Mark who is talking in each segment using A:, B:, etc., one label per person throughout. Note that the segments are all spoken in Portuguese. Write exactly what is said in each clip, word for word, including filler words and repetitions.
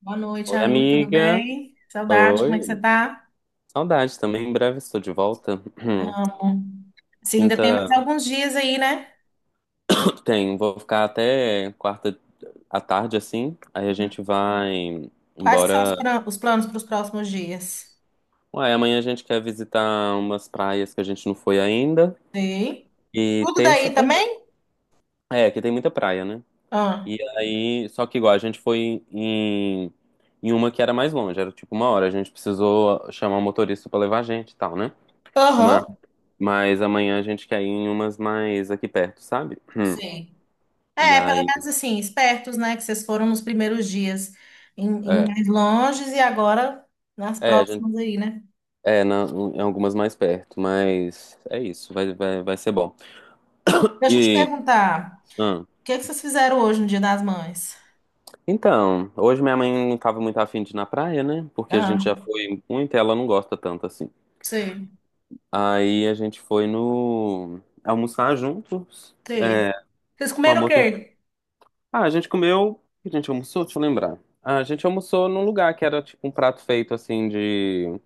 A: Boa noite,
B: Oi,
A: amigo. Tudo
B: amiga.
A: bem? Saudade, como é que você
B: Oi.
A: tá?
B: Saudade também. Em breve estou de volta.
A: Amo. Sim, ainda tem mais
B: Quinta
A: alguns dias aí, né?
B: tem. Vou ficar até quarta à tarde, assim. Aí a
A: Uhum.
B: gente vai
A: Quais que são os,
B: embora.
A: pra- os planos para os próximos dias?
B: Ué, amanhã a gente quer visitar umas praias que a gente não foi ainda.
A: Sim.
B: E
A: Tudo
B: terça
A: daí
B: também.
A: também?
B: É, que tem muita praia, né?
A: Ah.
B: E aí, só que igual, a gente foi em, em uma que era mais longe. Era tipo uma hora. A gente precisou chamar o motorista para levar a gente e tal, né?
A: Aham.
B: Mas amanhã a gente quer ir em umas mais aqui perto, sabe? Hum.
A: Sim.
B: E
A: É, pelo
B: aí,
A: menos assim, espertos, né? Que vocês foram nos primeiros dias em, em
B: é,
A: mais longes e agora nas
B: é, a gente,
A: próximas aí, né?
B: é na- em algumas mais perto, mas é isso, vai, vai, vai ser bom.
A: Deixa eu te
B: E,
A: perguntar,
B: hum,
A: o que é que vocês fizeram hoje no Dia das Mães?
B: então, hoje minha mãe não tava muito afim de ir na praia, né? Porque a gente
A: Ah,
B: já foi muito e ela não gosta tanto assim.
A: sei,
B: Aí a gente foi no almoçar juntos,
A: sei.
B: é,
A: Vocês
B: com a
A: comeram o
B: moça.
A: quê?
B: Ah, a gente comeu, o que a gente almoçou, deixa eu lembrar. Ah, a gente almoçou num lugar que era tipo um prato feito assim de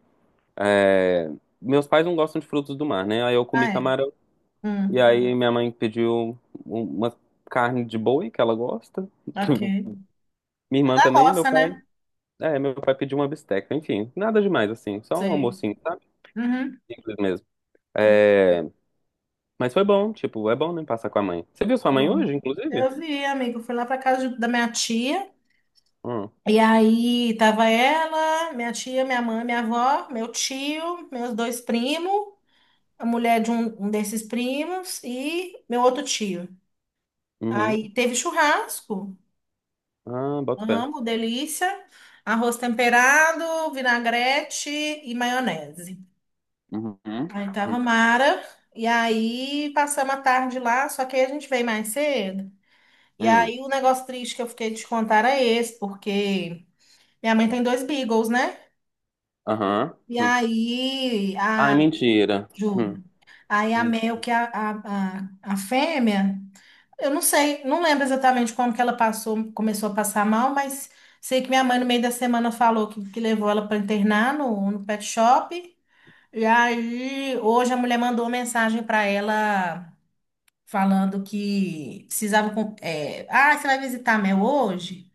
B: É, meus pais não gostam de frutos do mar, né? Aí eu comi
A: Ah, é.
B: camarão. E
A: Hum.
B: aí minha mãe pediu um- um, uma carne de boi, que ela gosta.
A: Ok.
B: Minha
A: Da
B: irmã também, meu
A: roça,
B: pai.
A: né?
B: É, meu pai pediu uma bisteca. Enfim, nada demais, assim. Só um
A: Sei.
B: almocinho, sabe?
A: Uhum.
B: Simples mesmo.
A: Muito
B: É, mas foi bom, tipo, é bom, né? Passar com a mãe. Você viu sua mãe
A: bom.
B: hoje, inclusive?
A: Eu vi, amigo. Fui lá pra casa de- da minha tia.
B: Hum,
A: E aí tava ela, minha tia, minha mãe, minha avó, meu tio, meus dois primos, a mulher de um, um desses primos e meu outro tio.
B: uhum.
A: Aí teve churrasco.
B: Ah, bota fé.
A: Amo, delícia. Arroz temperado, vinagrete e maionese.
B: Uhum.
A: Aí tava
B: Hum.
A: Mara. E aí passamos a tarde lá, só que aí a gente veio mais cedo. E
B: Hum.
A: aí o negócio triste que eu fiquei de te contar é esse, porque minha mãe tem dois Beagles, né?
B: Aham.
A: E
B: Hum.
A: aí,
B: Ai,
A: a,
B: mentira. Hum.
A: juro. Aí a
B: Hum.
A: Mel, que é a, a, a, a fêmea, eu não sei, não lembro exatamente como que ela passou, começou a passar mal, mas sei que minha mãe no meio da semana falou que, que levou ela para internar no, no pet shop. E aí, hoje a mulher mandou uma mensagem para ela falando que precisava. com- É, ah, você vai visitar a Mel hoje?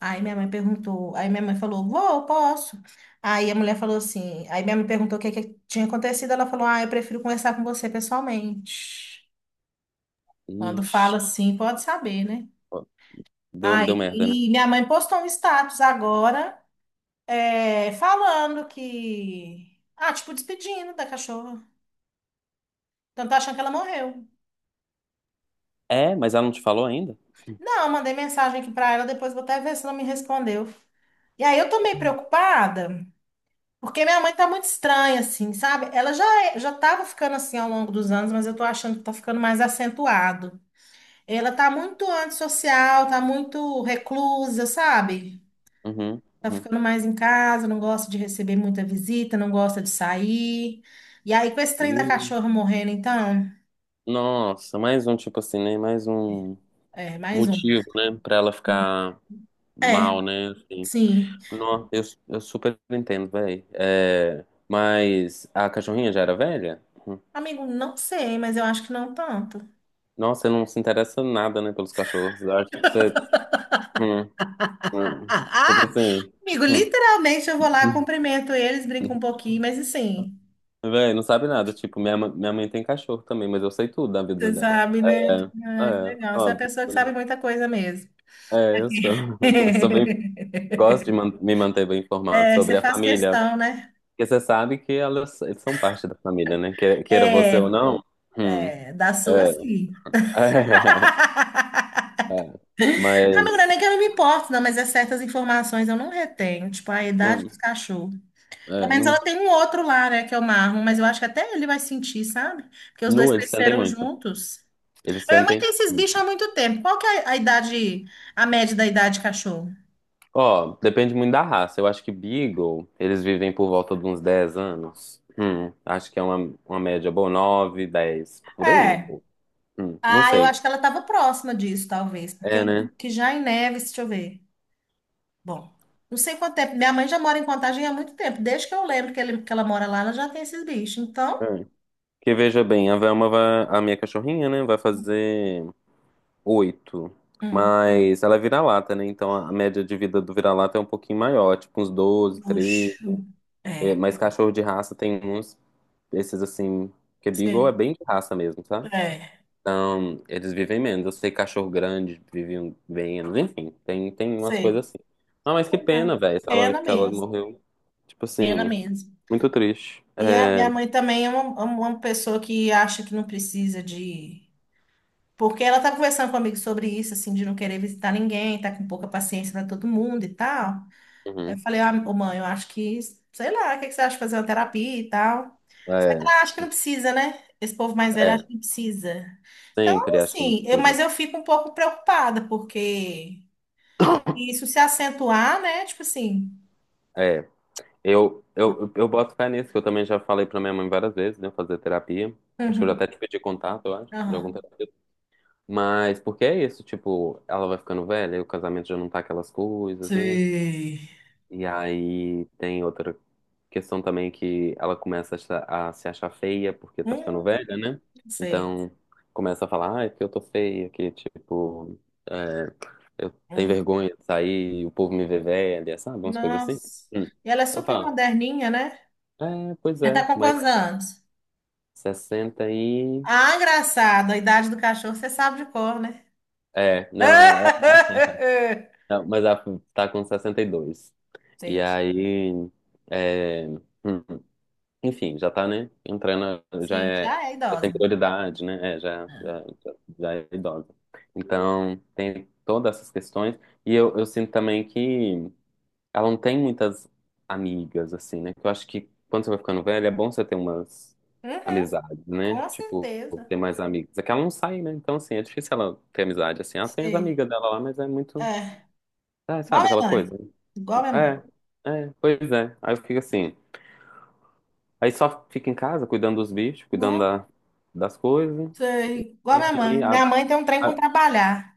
A: Aí minha mãe perguntou, aí minha mãe falou, vou, posso? Aí a mulher falou assim, aí minha mãe perguntou o que, que tinha acontecido, ela falou, ah, eu prefiro conversar com você pessoalmente. Quando fala
B: Ixi,
A: assim, pode saber, né?
B: ó, deu,
A: Aí
B: deu merda, né?
A: e minha mãe postou um status agora, é, falando que, ah, tipo, despedindo da cachorra. Então tá achando que ela morreu.
B: É, mas ela não te falou ainda?
A: Não, eu mandei mensagem aqui pra ela, depois vou até ver se ela me respondeu. E aí eu tô meio preocupada, porque minha mãe tá muito estranha, assim, sabe? Ela já, é- já tava ficando assim ao longo dos anos, mas eu tô achando que tá ficando mais acentuado. Ela tá muito antissocial, tá muito reclusa, sabe?
B: Uhum,
A: Tá
B: uhum.
A: ficando mais em casa, não gosta de receber muita visita, não gosta de sair. E aí, com esse trem da
B: E,
A: cachorra morrendo, então,
B: nossa, mais um, tipo assim, né? Mais um
A: é, mais um.
B: motivo, né? Pra ela ficar
A: É,
B: mal, né? Assim,
A: sim.
B: não, eu, eu super entendo, velho. É, mas a cachorrinha já era velha? Hum.
A: Amigo, não sei, mas eu acho que não tanto.
B: Nossa, você não se interessa nada, né? Pelos cachorros. Eu acho que você. Hum,
A: Ah,
B: hum.
A: ah,
B: Tipo
A: ah!
B: assim.
A: Amigo,
B: Hum,
A: literalmente eu vou lá,
B: hum,
A: cumprimento eles, brinco
B: hum.
A: um pouquinho, mas assim.
B: Véi, não sabe nada. Tipo, minha, ma- minha mãe tem cachorro também, mas eu sei tudo da vida
A: Você
B: dela.
A: sabe, né?
B: É,
A: Ah, que
B: é,
A: legal. Você é uma pessoa que sabe muita coisa mesmo.
B: É, eu sou. Eu sou bem- gosto de man- me manter bem informado
A: É, você
B: sobre a
A: faz
B: família.
A: questão, né?
B: Porque você sabe que elas eles são parte da família, né? Que- Queira você
A: É,
B: ou não. Hum,
A: é, da sua,
B: é,
A: sim.
B: é, é.
A: Amigo, não é
B: Mas.
A: nem que eu não me importo, não, mas é certas informações eu não retenho, tipo a idade dos
B: Hum,
A: cachorros. Pelo
B: é,
A: menos ela
B: não,
A: tem um outro lá, né, que é o Marlon, mas eu acho que até ele vai sentir, sabe? Porque os dois
B: nu, eles sentem
A: cresceram
B: muito.
A: juntos.
B: Eles
A: A minha mãe
B: sentem.
A: tem esses
B: Hum.
A: bichos há muito tempo. Qual que é a a idade, a média da idade de cachorro?
B: Ó, depende muito da raça. Eu acho que Beagle, eles vivem por volta de uns dez anos. Hum, acho que é uma, uma média boa, nove dez por aí.
A: É,
B: Hum, não
A: ah, eu acho
B: sei.
A: que ela estava próxima disso, talvez. Porque eu
B: É,
A: lembro
B: né?
A: que já em Neves, deixa eu ver. Bom, não sei quanto tempo. Minha mãe já mora em Contagem há muito tempo. Desde que eu lembro que, ele- que ela mora lá, ela já tem esses bichos. Então,
B: Hum. Que veja bem, a Velma vai, a minha cachorrinha, né, vai fazer oito.
A: hum,
B: Mas ela é vira-lata, né? Então a média de vida do vira-lata é um pouquinho maior, tipo uns doze treze.
A: bucho.
B: É,
A: É,
B: mas cachorro de raça tem uns, esses assim, que é Beagle é
A: sei.
B: bem de raça mesmo, sabe?
A: É,
B: Então eles vivem menos. Eu sei que cachorro grande vive um, bem menos, enfim, tem, tem umas
A: sei.
B: coisas assim. Ah, mas que
A: Pois é.
B: pena, velho, que ela,
A: Pena
B: que ela
A: mesmo.
B: morreu. Tipo
A: Pena
B: assim,
A: mesmo.
B: muito triste.
A: E a
B: É,
A: minha mãe também é uma, uma pessoa que acha que não precisa de. Porque ela tá conversando comigo sobre isso, assim, de não querer visitar ninguém, tá com pouca paciência para todo mundo e tal. Aí eu
B: uhum,
A: falei, ah, ô, mãe, eu acho que, sei lá, o que que você acha de fazer uma terapia e tal? Só que
B: é,
A: ela acha que não precisa, né? Esse povo mais velho acha
B: é,
A: que não precisa. Então,
B: sempre acho que não
A: assim, eu, mas
B: precisa.
A: eu fico um pouco preocupada, porque isso se acentuar, né? Tipo assim.
B: É. Eu, eu, eu boto fé nisso, que eu também já falei pra minha mãe várias vezes, né? Fazer terapia. Acho que eu já até
A: Uhum,
B: te pedi contato, eu acho, de algum
A: aham.
B: terapeuta. Mas porque é isso, tipo, ela vai ficando velha, e o casamento já não tá aquelas coisas, né?
A: Sei.
B: E aí tem outra questão também que ela começa a, se a se achar feia porque tá ficando
A: Hum,
B: velha, né?
A: sei.
B: Então começa a falar, ah, é que eu tô feia, que tipo, é, eu tenho
A: Hum,
B: vergonha de sair, o povo me vê velha, sabe? Umas coisas assim.
A: nossa.
B: Hum.
A: E ela é
B: Eu
A: super
B: falo.
A: moderninha, né?
B: É, pois
A: Ela tá
B: é,
A: com
B: mas
A: quantos anos?
B: sessenta e.
A: Ah, engraçado. A idade do cachorro você sabe de cor, né?
B: É, não, é, não, mas ela tá com sessenta e dois. E dois. E
A: Entendi.
B: aí. É, hum, enfim, já tá, né? Entrando, já
A: Sim,
B: é.
A: já é
B: Já tem
A: idosa.
B: prioridade, né? É, já, já,
A: É.
B: já já é idosa. Então, tem todas essas questões. E eu, eu sinto também que. Ela não tem muitas amigas, assim, né? Que eu acho que quando você vai ficando velha, é bom você ter umas
A: Uhum,
B: amizades, né?
A: com
B: Tipo,
A: certeza.
B: ter mais amigos. É que ela não sai, né? Então, assim, é difícil ela ter amizade, assim. Ela tem as
A: Sim.
B: amigas dela lá, mas é muito.
A: É.
B: É,
A: Igual
B: sabe
A: minha
B: aquela
A: mãe.
B: coisa?
A: Igual minha
B: É, é, pois é. Aí eu fico assim. Aí só fica em casa cuidando dos bichos, cuidando
A: mãe.
B: da, das coisas.
A: Sei. Igual
B: E
A: minha
B: aí.
A: mãe.
B: A,
A: Minha mãe tem um trem com
B: a-
A: trabalhar.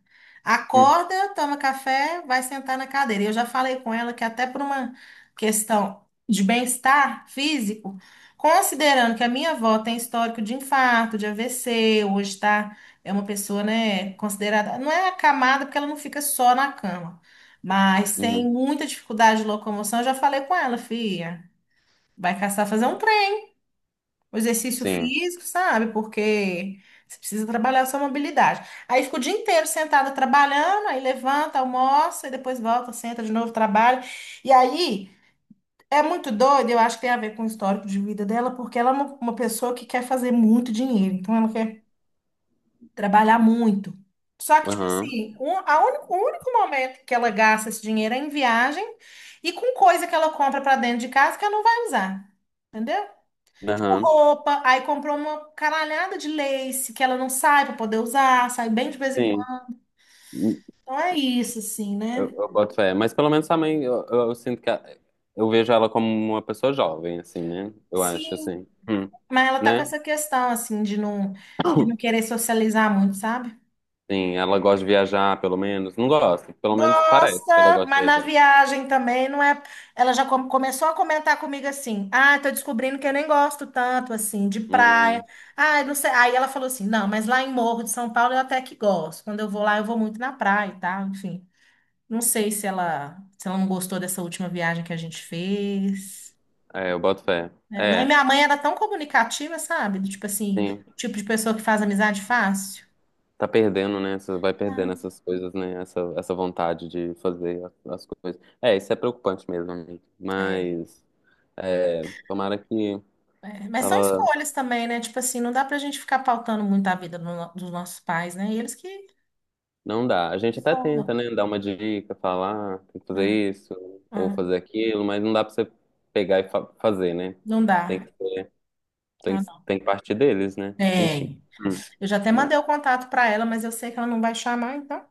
B: hum,
A: Acorda, toma café, vai sentar na cadeira. Eu já falei com ela que até por uma questão de bem-estar físico, considerando que a minha avó tem histórico de infarto, de A V C, hoje tá, é uma pessoa, né, considerada, não é acamada porque ela não fica só na cama, mas tem
B: uhum,
A: muita dificuldade de locomoção. Eu já falei com ela, filha, vai caçar fazer um o exercício
B: sim.
A: físico, sabe? Porque você precisa trabalhar a sua mobilidade. Aí fica o dia inteiro sentada trabalhando, aí levanta, almoça, e depois volta, senta de novo, trabalha. E aí é muito doido, eu acho que tem a ver com o histórico de vida dela, porque ela é uma, uma pessoa que quer fazer muito dinheiro, então ela quer trabalhar muito. Só que, tipo
B: Aham.
A: assim, um, a único, o único momento que ela gasta esse dinheiro é em viagem e com coisa que ela compra para dentro de casa que ela não vai usar. Entendeu? Tipo
B: Aham.
A: roupa, aí comprou uma caralhada de lace que ela não sai pra poder usar, sai bem de vez em
B: Sim.
A: quando. Então é isso, assim,
B: Eu,
A: né?
B: eu boto fé. Mas pelo menos a mãe, eu, eu, eu sinto que a- eu vejo ela como uma pessoa jovem, assim, né? Eu acho,
A: Sim,
B: assim. Hum.
A: mas ela tá com
B: Né?
A: essa questão, assim, de não, de não querer socializar muito, sabe?
B: Sim, ela gosta de viajar, pelo menos. Não gosta, pelo menos parece que ela
A: Gosta,
B: gosta de
A: mas na
B: viajar.
A: viagem também não é. Ela já come- começou a comentar comigo assim: ah, tô descobrindo que eu nem gosto tanto, assim, de praia.
B: Hum,
A: Ah, não sei. Aí ela falou assim: não, mas lá em Morro de São Paulo eu até que gosto. Quando eu vou lá, eu vou muito na praia e tal, enfim. Não sei se ela, se ela não gostou dessa última viagem que a gente fez.
B: é, eu boto fé.
A: Né? Não, e
B: É,
A: minha mãe era tão comunicativa, sabe? Do tipo assim,
B: sim.
A: tipo de pessoa que faz amizade fácil.
B: Tá perdendo, né? Essa- Vai perdendo
A: Ah,
B: essas coisas, né? Essa, essa vontade de fazer a- as coisas. É, isso é preocupante mesmo, amigo.
A: é.
B: Mas, é, tomara que
A: É. Mas são
B: ela.
A: escolhas também, né? Tipo assim, não dá pra gente ficar pautando muito a vida do no- dos nossos pais, né? E eles que
B: Não dá. A
A: que
B: gente até tenta,
A: formam.
B: né? Dar uma dica, falar, "Ah, tem que
A: É,
B: fazer isso ou
A: é.
B: fazer aquilo, mas não dá pra você pegar e fa- fazer, né?
A: Não
B: Tem que
A: dá.
B: ser, tem
A: Ah,
B: que,
A: não.
B: tem que partir deles, né? Enfim.
A: Tem.
B: Hum.
A: Eu já até mandei o contato pra ela, mas eu sei que ela não vai chamar, então.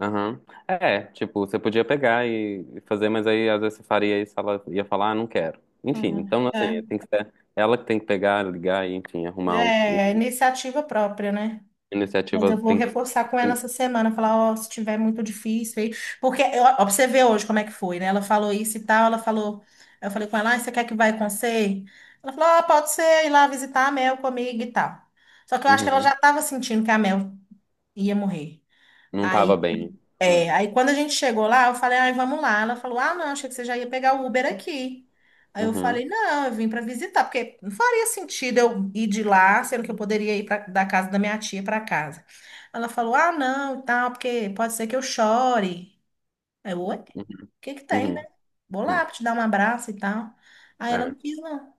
B: Aham. É, tipo, você podia pegar e e fazer, mas aí às vezes você faria isso, ela ia falar, ah, não quero. Enfim,
A: Uhum.
B: então assim, tem que ser ela que tem que pegar, ligar e, enfim, arrumar o,
A: É, é
B: o-
A: iniciativa própria, né?
B: a
A: Mas eu
B: iniciativa
A: vou
B: tem que.
A: reforçar com ela
B: Tem-
A: essa semana, falar, ó, se tiver muito difícil aí, porque eu, ó, pra você ver hoje como é que foi, né? Ela falou isso e tal, ela falou, eu falei com ela, ah, você quer que vai com você? Ela falou, ó, pode ser ir lá visitar a Mel comigo e tal. Só que eu acho que ela já
B: Uhum.
A: estava sentindo que a Mel ia morrer.
B: Não tava bem. Hum.
A: É, aí quando a gente chegou lá, eu falei, ai, vamos lá. Ela falou, ah, não, achei que você já ia pegar o Uber aqui. Aí eu
B: Uhum.
A: falei, não, eu vim para visitar, porque não faria sentido eu ir de lá, sendo que eu poderia ir pra, da casa da minha tia para casa. Ela falou, ah, não, e tal, porque pode ser que eu chore. Aí eu, oi, o
B: Uhum.
A: que que tem, né?
B: Uhum.
A: Vou lá
B: Uhum.
A: pra te dar um abraço e tal. Aí ela não
B: É.
A: quis, não.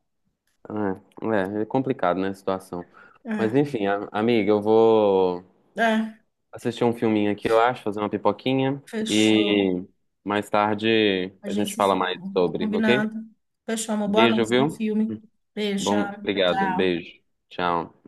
B: É, é é complicado, né, a situação. Mas
A: É,
B: enfim, a- amiga, eu vou
A: é,
B: assistir um filminho aqui, eu acho, fazer uma pipoquinha
A: fechou.
B: e mais tarde
A: A
B: a
A: gente
B: gente
A: se
B: fala
A: fala,
B: mais sobre, ok?
A: combinado. Fechou, amor. Boa
B: Beijo,
A: noite, bom
B: viu?
A: filme. Beijo,
B: Bom, obrigado.
A: tchau.
B: Beijo. Tchau.